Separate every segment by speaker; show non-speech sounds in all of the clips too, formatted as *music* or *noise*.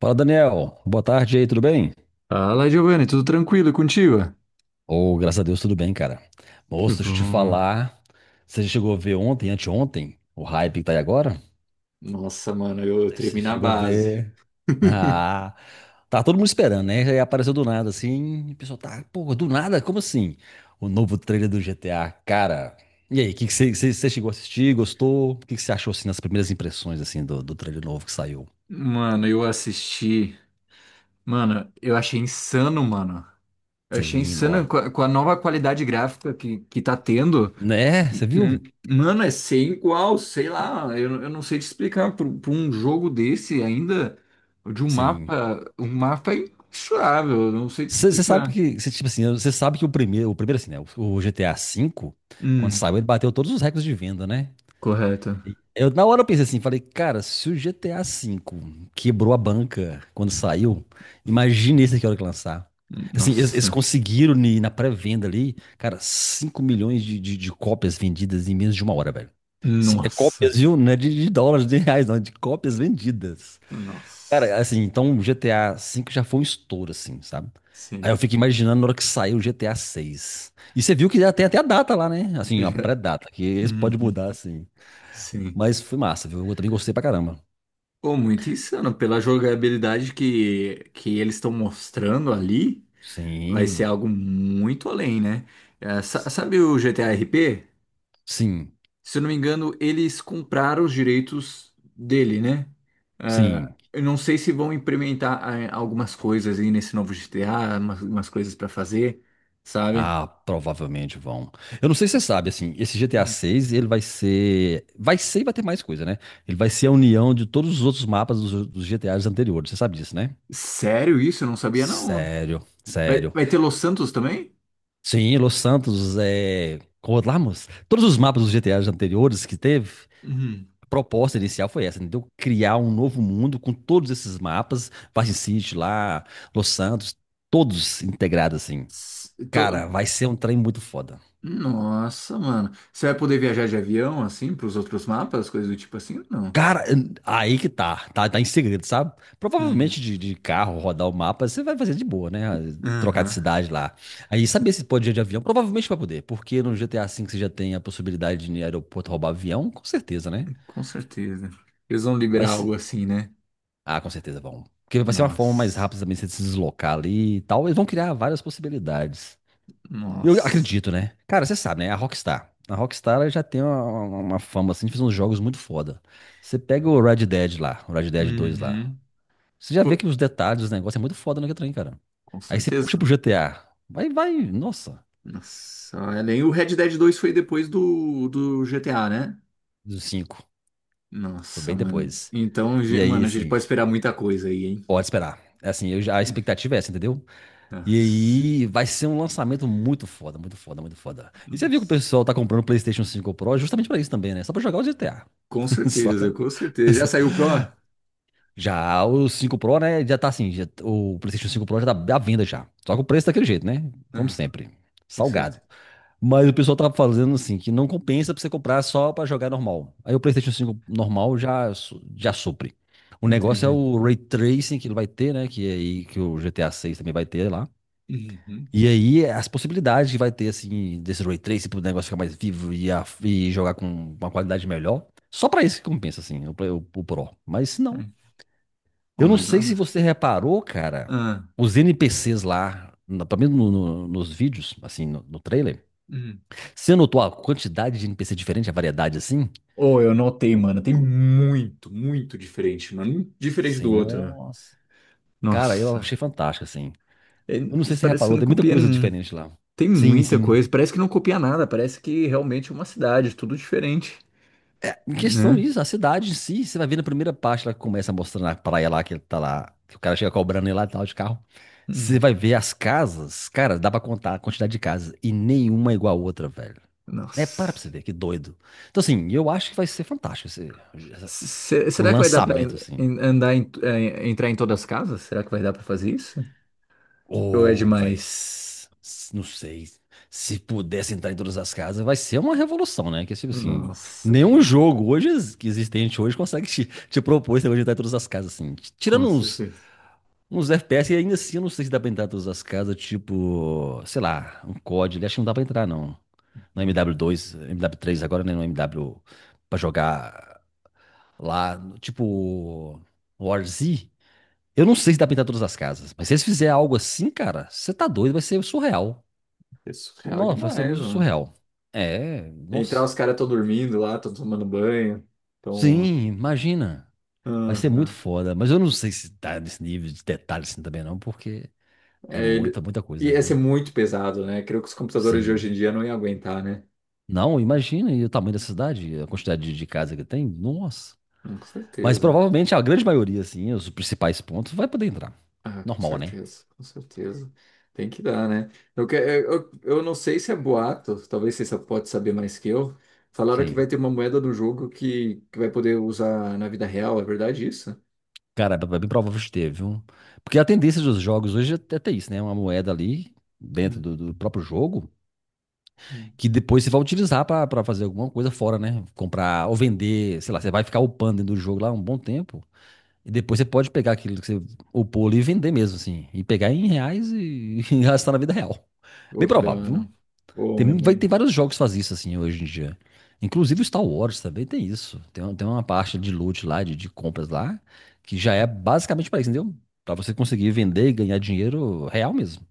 Speaker 1: Fala, Daniel. Boa tarde aí, tudo bem?
Speaker 2: Fala, Giovanni, tudo tranquilo e contigo?
Speaker 1: Ô, graças a Deus, tudo bem, cara.
Speaker 2: Que
Speaker 1: Moço, deixa eu te
Speaker 2: bom.
Speaker 1: falar. Você já chegou a ver ontem, anteontem, o hype que tá aí agora?
Speaker 2: Nossa, mano, eu
Speaker 1: Você
Speaker 2: tremi na
Speaker 1: chegou a
Speaker 2: base.
Speaker 1: ver. *laughs*
Speaker 2: *laughs*
Speaker 1: Ah, tá todo mundo esperando, né? Aí apareceu do nada, assim, e o pessoal tá, pô, do nada? Como assim? O novo trailer do GTA, cara. E aí, o que que você chegou a assistir? Gostou? O que que você achou, assim, nas primeiras impressões, assim, do trailer novo que saiu?
Speaker 2: Mano, eu assisti. Mano, eu achei insano, mano. Eu achei
Speaker 1: Sim,
Speaker 2: insano
Speaker 1: ó.
Speaker 2: com a nova qualidade gráfica que tá tendo.
Speaker 1: Né? Você
Speaker 2: Hum.
Speaker 1: viu?
Speaker 2: Mano, é sem igual, sei lá. Eu não sei te explicar. Por um jogo desse ainda, de um
Speaker 1: Sim.
Speaker 2: mapa. Um mapa imensurável. Eu não sei te
Speaker 1: Você sabe
Speaker 2: explicar.
Speaker 1: que, cê, tipo assim, você sabe que o primeiro assim, né, o GTA V, quando
Speaker 2: Hum.
Speaker 1: saiu, ele bateu todos os recordes de venda, né?
Speaker 2: Correto.
Speaker 1: E eu, na hora eu pensei assim, falei, cara, se o GTA V quebrou a banca quando saiu, imagina esse aqui a hora que lançar. Assim, eles
Speaker 2: Nossa.
Speaker 1: conseguiram na pré-venda ali, cara, 5 milhões de cópias vendidas em menos de uma hora, velho. É
Speaker 2: Nossa.
Speaker 1: cópias, viu? Não é de dólares, de reais, não, é de cópias vendidas.
Speaker 2: Nossa,
Speaker 1: Cara, assim, então o GTA V já foi um estouro, assim, sabe? Aí eu
Speaker 2: sim.
Speaker 1: fico imaginando na hora que saiu o GTA VI. E você viu que já tem até a data lá, né? Assim,
Speaker 2: Eu
Speaker 1: a
Speaker 2: já-
Speaker 1: pré-data, que esse pode
Speaker 2: Uhum.
Speaker 1: mudar, assim.
Speaker 2: Sim.
Speaker 1: Mas foi massa, viu? Eu também gostei pra caramba.
Speaker 2: Pô, muito insano. Pela jogabilidade que eles estão mostrando ali, vai ser
Speaker 1: Sim,
Speaker 2: algo muito além, né? É, sabe o GTA RP?
Speaker 1: sim,
Speaker 2: Se eu não me engano, eles compraram os direitos dele, né? Ah,
Speaker 1: sim.
Speaker 2: eu não sei se vão implementar algumas coisas aí nesse novo GTA, umas coisas pra fazer, sabe?
Speaker 1: Ah, provavelmente vão. Eu não sei se você sabe, assim, esse GTA
Speaker 2: Uhum.
Speaker 1: VI, ele vai ser e vai ter mais coisa, né? Ele vai ser a união de todos os outros mapas dos GTAs anteriores. Você sabe disso, né?
Speaker 2: Sério isso? Eu não sabia, não.
Speaker 1: Sério,
Speaker 2: Vai,
Speaker 1: sério.
Speaker 2: vai ter Los Santos também?
Speaker 1: Sim, Los Santos, é, como lá, moço? Todos os mapas dos GTAs anteriores que teve,
Speaker 2: Uhum.
Speaker 1: a proposta inicial foi essa, entendeu? Criar um novo mundo com todos esses mapas, Vice City lá, Los Santos, todos integrados assim.
Speaker 2: S- tô-
Speaker 1: Cara, vai ser um trem muito foda.
Speaker 2: Nossa, mano. Você vai poder viajar de avião, assim, pros outros mapas, coisas do tipo assim? Não.
Speaker 1: Cara, aí que tá em segredo, sabe?
Speaker 2: Hum.
Speaker 1: Provavelmente de carro, rodar o mapa, você vai fazer de boa, né? Trocar de
Speaker 2: Aham.
Speaker 1: cidade lá. Aí,
Speaker 2: Sim,
Speaker 1: saber se pode ir de avião? Provavelmente vai poder, porque no GTA V você já tem a possibilidade de ir no aeroporto roubar avião, com certeza, né?
Speaker 2: com certeza. Eles vão
Speaker 1: Vai
Speaker 2: liberar algo
Speaker 1: ser...
Speaker 2: assim, né?
Speaker 1: Ah, com certeza vão. Porque vai ser uma forma mais
Speaker 2: Nossa.
Speaker 1: rápida também de você se deslocar ali e tal. Eles vão criar várias possibilidades. Eu
Speaker 2: Nossa.
Speaker 1: acredito, né? Cara, você sabe, né? A Rockstar. A Rockstar ela já tem uma fama assim de fazer uns jogos muito foda. Você pega o Red Dead lá, o Red Dead 2 lá.
Speaker 2: Uhum.
Speaker 1: Você já vê que
Speaker 2: Fo-
Speaker 1: os detalhes dos negócios é muito foda no trem, cara.
Speaker 2: Com
Speaker 1: Aí você puxa
Speaker 2: certeza.
Speaker 1: pro GTA. Vai, nossa,
Speaker 2: Nossa, olha, nem o Red Dead 2 foi depois do GTA, né?
Speaker 1: do cinco. Foi
Speaker 2: Nossa,
Speaker 1: bem
Speaker 2: mano.
Speaker 1: depois.
Speaker 2: Então,
Speaker 1: E aí,
Speaker 2: mano, a gente pode
Speaker 1: assim,
Speaker 2: esperar muita coisa aí, hein?
Speaker 1: pode esperar. É, assim, a
Speaker 2: *laughs*
Speaker 1: expectativa é essa, entendeu? E
Speaker 2: Nossa.
Speaker 1: aí vai ser um lançamento muito foda, muito foda, muito foda. E você viu que o
Speaker 2: Nossa.
Speaker 1: pessoal tá comprando o PlayStation Cinco Pro justamente pra isso também, né? Só pra jogar o GTA.
Speaker 2: Com
Speaker 1: *laughs* Só-
Speaker 2: certeza, com certeza. Já
Speaker 1: só-
Speaker 2: saiu o Pro?
Speaker 1: Já o Cinco Pro, né? Já tá assim, o PlayStation Cinco Pro já tá à venda já. Só que o preço tá daquele jeito, né? Como
Speaker 2: Ah.
Speaker 1: sempre,
Speaker 2: Com certeza.
Speaker 1: salgado. Mas o pessoal tá fazendo assim, que não compensa pra você comprar só pra jogar normal. Aí o PlayStation 5 normal já, já supre. O negócio é
Speaker 2: Entendi.
Speaker 1: o Ray Tracing que ele vai ter, né? Que é aí que o GTA seis também vai ter lá.
Speaker 2: Uhum.
Speaker 1: E aí, as possibilidades que vai ter, assim, desse Ray Tracing pro negócio ficar mais vivo e, e jogar com uma qualidade melhor, só pra isso que compensa, assim, o Pro. Mas se não.
Speaker 2: É. Oh,
Speaker 1: Eu não
Speaker 2: mas
Speaker 1: sei se
Speaker 2: dá.
Speaker 1: você reparou, cara,
Speaker 2: Ah.
Speaker 1: os NPCs lá, pelo menos nos vídeos, assim, no trailer,
Speaker 2: Uhum.
Speaker 1: você notou a quantidade de NPC diferente, a variedade, assim?
Speaker 2: Oh, eu notei, mano. Tem muito, muito diferente, mano. Um diferente do
Speaker 1: Sim,
Speaker 2: outro, né?
Speaker 1: nossa. Cara, eu achei
Speaker 2: Nossa.
Speaker 1: fantástico, assim.
Speaker 2: É,
Speaker 1: Eu não sei
Speaker 2: isso
Speaker 1: se você
Speaker 2: parece que
Speaker 1: reparou,
Speaker 2: não
Speaker 1: tem muita
Speaker 2: copia
Speaker 1: coisa
Speaker 2: nenhum.
Speaker 1: diferente lá.
Speaker 2: Tem
Speaker 1: Sim,
Speaker 2: muita
Speaker 1: sim.
Speaker 2: coisa. Parece que não copia nada. Parece que realmente é uma cidade, tudo diferente,
Speaker 1: Em questão
Speaker 2: né?
Speaker 1: disso, a cidade em si, você vai ver na primeira parte, ela começa mostrando a praia lá, que ele tá lá, que o cara chega cobrando ele lá e tal de carro. Você
Speaker 2: Hum.
Speaker 1: vai ver as casas, cara, dá pra contar a quantidade de casas, e nenhuma é igual a outra, velho. É, para pra você
Speaker 2: Nossa.
Speaker 1: ver, que doido. Então, assim, eu acho que vai ser fantástico essa-
Speaker 2: Se- se-
Speaker 1: o
Speaker 2: será que vai dar pra
Speaker 1: lançamento,
Speaker 2: en-
Speaker 1: assim.
Speaker 2: en- andar em, entrar em todas as casas? Será que vai dar pra fazer isso? Ou é
Speaker 1: Ou vai.
Speaker 2: demais?
Speaker 1: Não sei. Se pudesse entrar em todas as casas, vai ser uma revolução, né? Que é tipo assim,
Speaker 2: Nossa,
Speaker 1: nenhum
Speaker 2: demais.
Speaker 1: jogo hoje que existente hoje consegue te propor esse negócio de entrar em todas as casas, assim.
Speaker 2: Com
Speaker 1: Tirando uns,
Speaker 2: certeza.
Speaker 1: uns FPS, e ainda assim eu não sei se dá pra entrar em todas as casas, tipo, sei lá, um COD, acho que não dá pra entrar, não. No MW2, MW3, agora, né? No MW pra jogar lá, tipo, War Z. Eu não sei se dá pra pintar todas as casas, mas se eles fizerem algo assim, cara, você tá doido, vai ser surreal.
Speaker 2: É surreal
Speaker 1: Nossa, vai ser
Speaker 2: demais,
Speaker 1: muito
Speaker 2: mano.
Speaker 1: surreal. É,
Speaker 2: Entrar,
Speaker 1: nossa.
Speaker 2: os caras estão dormindo lá, estão tomando banho. Então,
Speaker 1: Sim, imagina. Vai ser muito
Speaker 2: aham.
Speaker 1: foda, mas eu não sei se tá nesse nível de detalhe assim também não, porque
Speaker 2: É,
Speaker 1: é
Speaker 2: ele.
Speaker 1: muita, muita coisa,
Speaker 2: Ia ser
Speaker 1: viu?
Speaker 2: muito pesado, né? Creio que os computadores de hoje em
Speaker 1: Sim.
Speaker 2: dia não iam aguentar, né?
Speaker 1: Não, imagina e o tamanho da cidade, a quantidade de casa que tem, nossa.
Speaker 2: Hum. Com
Speaker 1: Mas
Speaker 2: certeza.
Speaker 1: provavelmente a grande maioria, assim, os principais pontos, vai poder entrar.
Speaker 2: Ah, com
Speaker 1: Normal, né?
Speaker 2: certeza, com certeza. Tem que dar, né? Eu não sei se é boato, talvez você só pode saber mais que eu. Falaram que vai
Speaker 1: Sim.
Speaker 2: ter uma moeda do jogo que vai poder usar na vida real, é verdade isso?
Speaker 1: Cara, é bem provável que esteve, viu? Porque a tendência dos jogos hoje é até isso, né? Uma moeda ali dentro
Speaker 2: Hum,
Speaker 1: do próprio jogo
Speaker 2: hum.
Speaker 1: que depois você vai utilizar pra fazer alguma coisa fora, né? Comprar ou vender, sei lá, você vai ficar upando dentro do jogo lá um bom tempo e depois você pode pegar aquilo que você upou ali e vender mesmo, assim, e pegar em reais e, *laughs* e gastar na vida real. Bem
Speaker 2: Pô, que da
Speaker 1: provável, viu?
Speaker 2: hora. Pô,
Speaker 1: Tem,
Speaker 2: minha
Speaker 1: mu- vai,
Speaker 2: mãe.
Speaker 1: tem vários jogos que fazem isso assim hoje em dia. Inclusive o Star Wars também tem isso. Tem uma parte de loot lá, de compras lá, que já é basicamente para isso, entendeu? Para você conseguir vender e ganhar dinheiro real mesmo.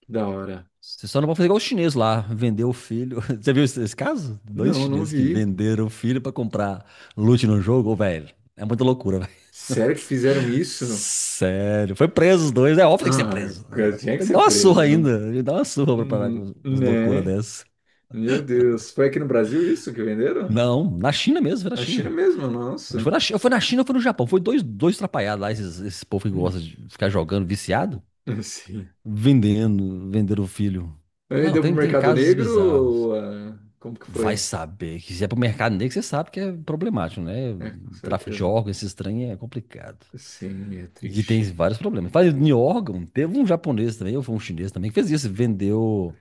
Speaker 2: Que da hora.
Speaker 1: Você só não pode fazer igual os chineses lá, vender o filho. *laughs* Você viu esse caso? Dois
Speaker 2: Não, não
Speaker 1: chineses que
Speaker 2: vi.
Speaker 1: venderam o filho para comprar loot no jogo, ô, velho. É muita loucura, velho.
Speaker 2: Sério que fizeram
Speaker 1: *laughs*
Speaker 2: isso?
Speaker 1: Sério, foi preso os dois. É óbvio que tem que ser
Speaker 2: Ah,
Speaker 1: preso.
Speaker 2: cara, tinha que
Speaker 1: Tem que dar
Speaker 2: ser
Speaker 1: uma
Speaker 2: preso,
Speaker 1: surra
Speaker 2: não-
Speaker 1: ainda. Tem que dar uma surra pra parar com com as loucuras
Speaker 2: Né?
Speaker 1: dessas.
Speaker 2: Meu Deus, foi aqui no Brasil isso que venderam?
Speaker 1: Não, na China mesmo, foi na
Speaker 2: Na China
Speaker 1: China.
Speaker 2: mesmo,
Speaker 1: Mas
Speaker 2: nossa.
Speaker 1: foi na China ou foi no Japão? Foi dois atrapalhados lá, esse povo que gosta
Speaker 2: *laughs*
Speaker 1: de ficar jogando, viciado,
Speaker 2: Hum. Sim.
Speaker 1: vendendo o filho. Não,
Speaker 2: Vendeu pro
Speaker 1: tem
Speaker 2: mercado
Speaker 1: casos
Speaker 2: negro?
Speaker 1: bizarros.
Speaker 2: Ou, como que
Speaker 1: Vai
Speaker 2: foi?
Speaker 1: saber que se é pro mercado negro, você sabe que é problemático, né?
Speaker 2: É, com
Speaker 1: Tráfico de
Speaker 2: certeza.
Speaker 1: órgãos, esse estranho é complicado.
Speaker 2: Sim, é
Speaker 1: E tem
Speaker 2: triste.
Speaker 1: vários problemas. Falando em órgão, teve um japonês também, ou foi um chinês também, que fez isso, vendeu,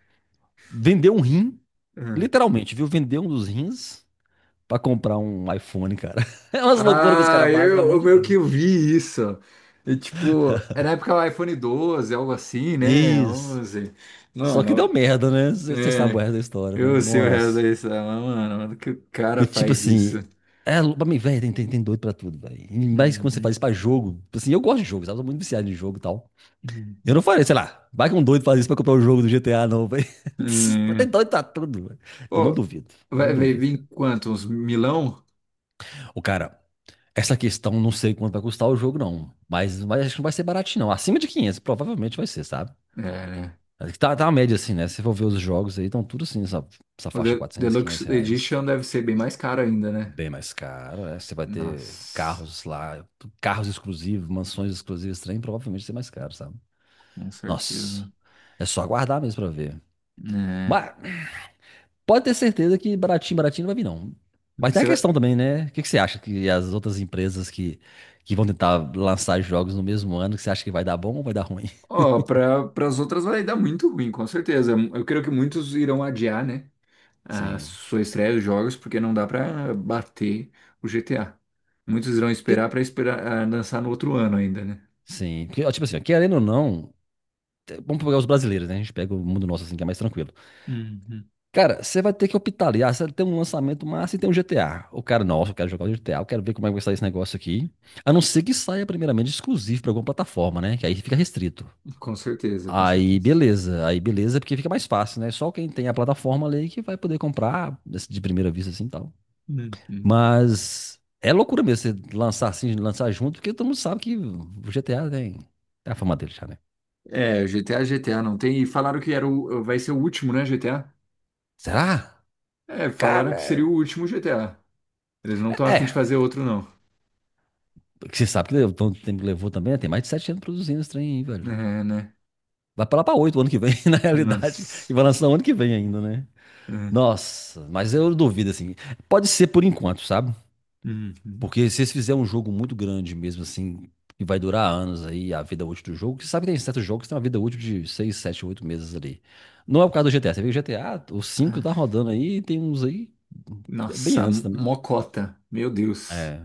Speaker 1: vendeu um rim,
Speaker 2: Ah,
Speaker 1: literalmente, viu? Vendeu um dos rins pra comprar um iPhone, cara. *laughs* É umas loucuras que os
Speaker 2: ah,
Speaker 1: caras fazem, é
Speaker 2: eu
Speaker 1: muito
Speaker 2: meio que
Speaker 1: doido.
Speaker 2: eu vi isso. E, tipo, é na época do iPhone 12, algo assim, né?
Speaker 1: Isso.
Speaker 2: 11.
Speaker 1: Só que deu
Speaker 2: Mano,
Speaker 1: merda, né? Você sabe o
Speaker 2: é.
Speaker 1: resto da história, né?
Speaker 2: Eu sei o resto da
Speaker 1: Nossa.
Speaker 2: história, mas, mano, mano, que o cara
Speaker 1: Porque, tipo
Speaker 2: faz isso?
Speaker 1: assim, é, pra mim, velho, tem doido pra tudo, velho. E mais quando você
Speaker 2: Uhum,
Speaker 1: faz isso pra jogo. Tipo assim, eu gosto de jogo, sabe? Eu sou muito viciado em jogo e tal. Eu não
Speaker 2: uhum.
Speaker 1: falei, sei lá, vai que um doido faz isso pra comprar o jogo do GTA, não, velho. *laughs* Tem
Speaker 2: Hum.
Speaker 1: doido pra tudo, velho. Eu não
Speaker 2: Pô,
Speaker 1: duvido, não
Speaker 2: vai
Speaker 1: duvido, cara.
Speaker 2: vir quanto? Uns milão?
Speaker 1: O cara, essa questão, não sei quanto vai custar o jogo, não. Mas acho que não vai ser baratinho, não. Acima de 500, provavelmente vai ser, sabe?
Speaker 2: É, né?
Speaker 1: Tá, tá a média, assim, né? Se você for ver os jogos aí, estão tudo assim, essa
Speaker 2: O
Speaker 1: faixa
Speaker 2: De-
Speaker 1: 400 500
Speaker 2: Deluxe
Speaker 1: reais.
Speaker 2: Edition deve ser bem mais caro ainda, né?
Speaker 1: Bem mais caro, né? Você vai ter
Speaker 2: Nossa,
Speaker 1: carros lá, carros exclusivos, mansões exclusivas, trem, provavelmente vai ser mais caro, sabe?
Speaker 2: com
Speaker 1: Nossa,
Speaker 2: certeza.
Speaker 1: é só aguardar mesmo pra ver.
Speaker 2: Né?
Speaker 1: Mas pode ter certeza que baratinho, baratinho não vai vir, não. Mas tem a
Speaker 2: Você vai.
Speaker 1: questão também, né? O que que você acha que as outras empresas que vão tentar lançar jogos no mesmo ano, que você acha que vai dar bom ou vai dar ruim?
Speaker 2: Ó, para as outras vai dar muito ruim, com certeza. Eu creio que muitos irão adiar, né?
Speaker 1: *laughs*
Speaker 2: A
Speaker 1: Sim.
Speaker 2: sua estreia dos jogos, porque não dá pra bater o GTA. Muitos irão
Speaker 1: Porque,
Speaker 2: esperar pra esperar lançar no outro ano ainda, né?
Speaker 1: sim. Porque, ó, tipo assim, ó, querendo ou não, vamos pegar os brasileiros, né? A gente pega o mundo nosso assim, que é mais tranquilo.
Speaker 2: Uhum.
Speaker 1: Cara, você vai ter que optar ali. Ah, você tem um lançamento massa e tem um GTA. O cara, nossa, eu quero jogar o GTA, eu quero ver como é que vai sair esse negócio aqui. A não ser que saia primeiramente exclusivo pra alguma plataforma, né? Que aí fica restrito.
Speaker 2: Com certeza, com certeza.
Speaker 1: Aí beleza, é porque fica mais fácil, né? Só quem tem a plataforma ali que vai poder comprar de primeira vista assim e tal.
Speaker 2: Uhum.
Speaker 1: Mas é loucura mesmo você lançar assim, lançar junto, porque todo mundo sabe que o GTA tem a fama dele já, né?
Speaker 2: É, GTA, GTA não tem. E falaram que era o, vai ser o último, né, GTA?
Speaker 1: Será?
Speaker 2: É, falaram que seria
Speaker 1: Cara,
Speaker 2: o último GTA. Eles não estão afim
Speaker 1: é,
Speaker 2: de fazer outro, não.
Speaker 1: porque você sabe que levou, tanto tempo que levou também, né? Tem mais de 7 anos produzindo esse trem aí, velho.
Speaker 2: É, né?
Speaker 1: Vai pra lá pra oito ano que vem, *laughs* na realidade.
Speaker 2: Nossa.
Speaker 1: E vai lançar o ano que vem ainda, né?
Speaker 2: É.
Speaker 1: Nossa, mas eu duvido, assim. Pode ser por enquanto, sabe?
Speaker 2: Uhum.
Speaker 1: Porque se eles fizerem um jogo muito grande mesmo, assim, que vai durar anos aí, a vida útil do jogo, que sabe que tem certos jogos que tem uma vida útil de 6, 7, 8 meses ali. Não é o caso do GTA. Você vê que o GTA, o cinco tá
Speaker 2: Ah,
Speaker 1: rodando aí, e tem uns aí bem
Speaker 2: nossa,
Speaker 1: antes também.
Speaker 2: mocota. Meu Deus.
Speaker 1: É.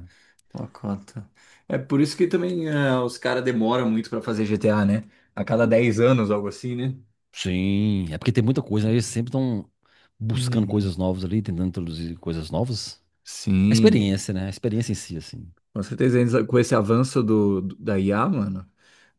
Speaker 2: Uma cota. É por isso que também os caras demoram muito pra fazer GTA, né? A cada 10 anos, algo assim, né?
Speaker 1: Sim, é porque tem muita coisa, né? Eles sempre estão buscando
Speaker 2: Uhum.
Speaker 1: coisas novas ali, tentando introduzir coisas novas. A
Speaker 2: Sim,
Speaker 1: experiência, né? A experiência em si, assim.
Speaker 2: com certeza com esse avanço do, da IA, mano.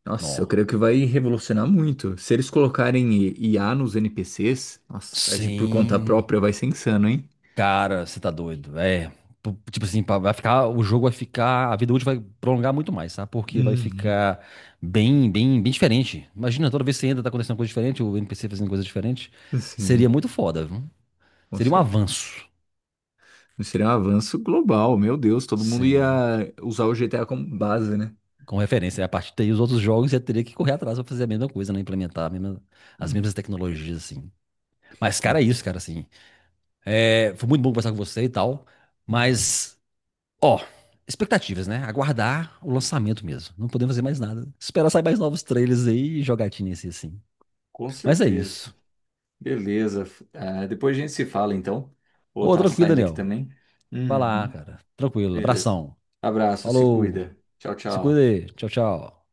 Speaker 2: Nossa, eu
Speaker 1: Nó.
Speaker 2: creio que vai revolucionar muito. Se eles colocarem IA nos NPCs, nossa, agir por conta
Speaker 1: Sim,
Speaker 2: própria vai ser insano, hein?
Speaker 1: cara, você tá doido. É, tipo assim, pá, o jogo vai ficar, a vida útil vai prolongar muito mais, sabe? Porque vai
Speaker 2: Uhum.
Speaker 1: ficar bem, bem, bem diferente. Imagina, toda vez que você entra, tá acontecendo coisa diferente, o NPC fazendo coisa diferente. Seria
Speaker 2: Sim,
Speaker 1: muito foda, viu?
Speaker 2: com
Speaker 1: Seria um
Speaker 2: certeza.
Speaker 1: avanço.
Speaker 2: Seria um avanço global, meu Deus, todo mundo
Speaker 1: Sim.
Speaker 2: ia usar o GTA como base, né?
Speaker 1: Com referência. A partir daí, os outros jogos já teria que correr atrás para fazer a mesma coisa, né? Implementar as
Speaker 2: Hum,
Speaker 1: mesmas tecnologias, assim. Mas,
Speaker 2: com,
Speaker 1: cara, é isso, cara, assim. É, foi muito bom conversar com você e tal.
Speaker 2: hum,
Speaker 1: Mas, ó, expectativas, né? Aguardar o lançamento mesmo. Não podemos fazer mais nada. Esperar sair mais novos trailers aí e jogatinhas assim.
Speaker 2: com
Speaker 1: Mas é
Speaker 2: certeza.
Speaker 1: isso.
Speaker 2: Beleza. Ah, depois a gente se fala, então. Vou
Speaker 1: Ô,
Speaker 2: estar
Speaker 1: tranquilo,
Speaker 2: saindo aqui
Speaker 1: Daniel.
Speaker 2: também.
Speaker 1: Vai lá,
Speaker 2: Uhum.
Speaker 1: cara. Tranquilo.
Speaker 2: Beleza.
Speaker 1: Abração.
Speaker 2: Abraço, se
Speaker 1: Falou.
Speaker 2: cuida. Tchau,
Speaker 1: Se cuida
Speaker 2: tchau.
Speaker 1: aí. Tchau, tchau.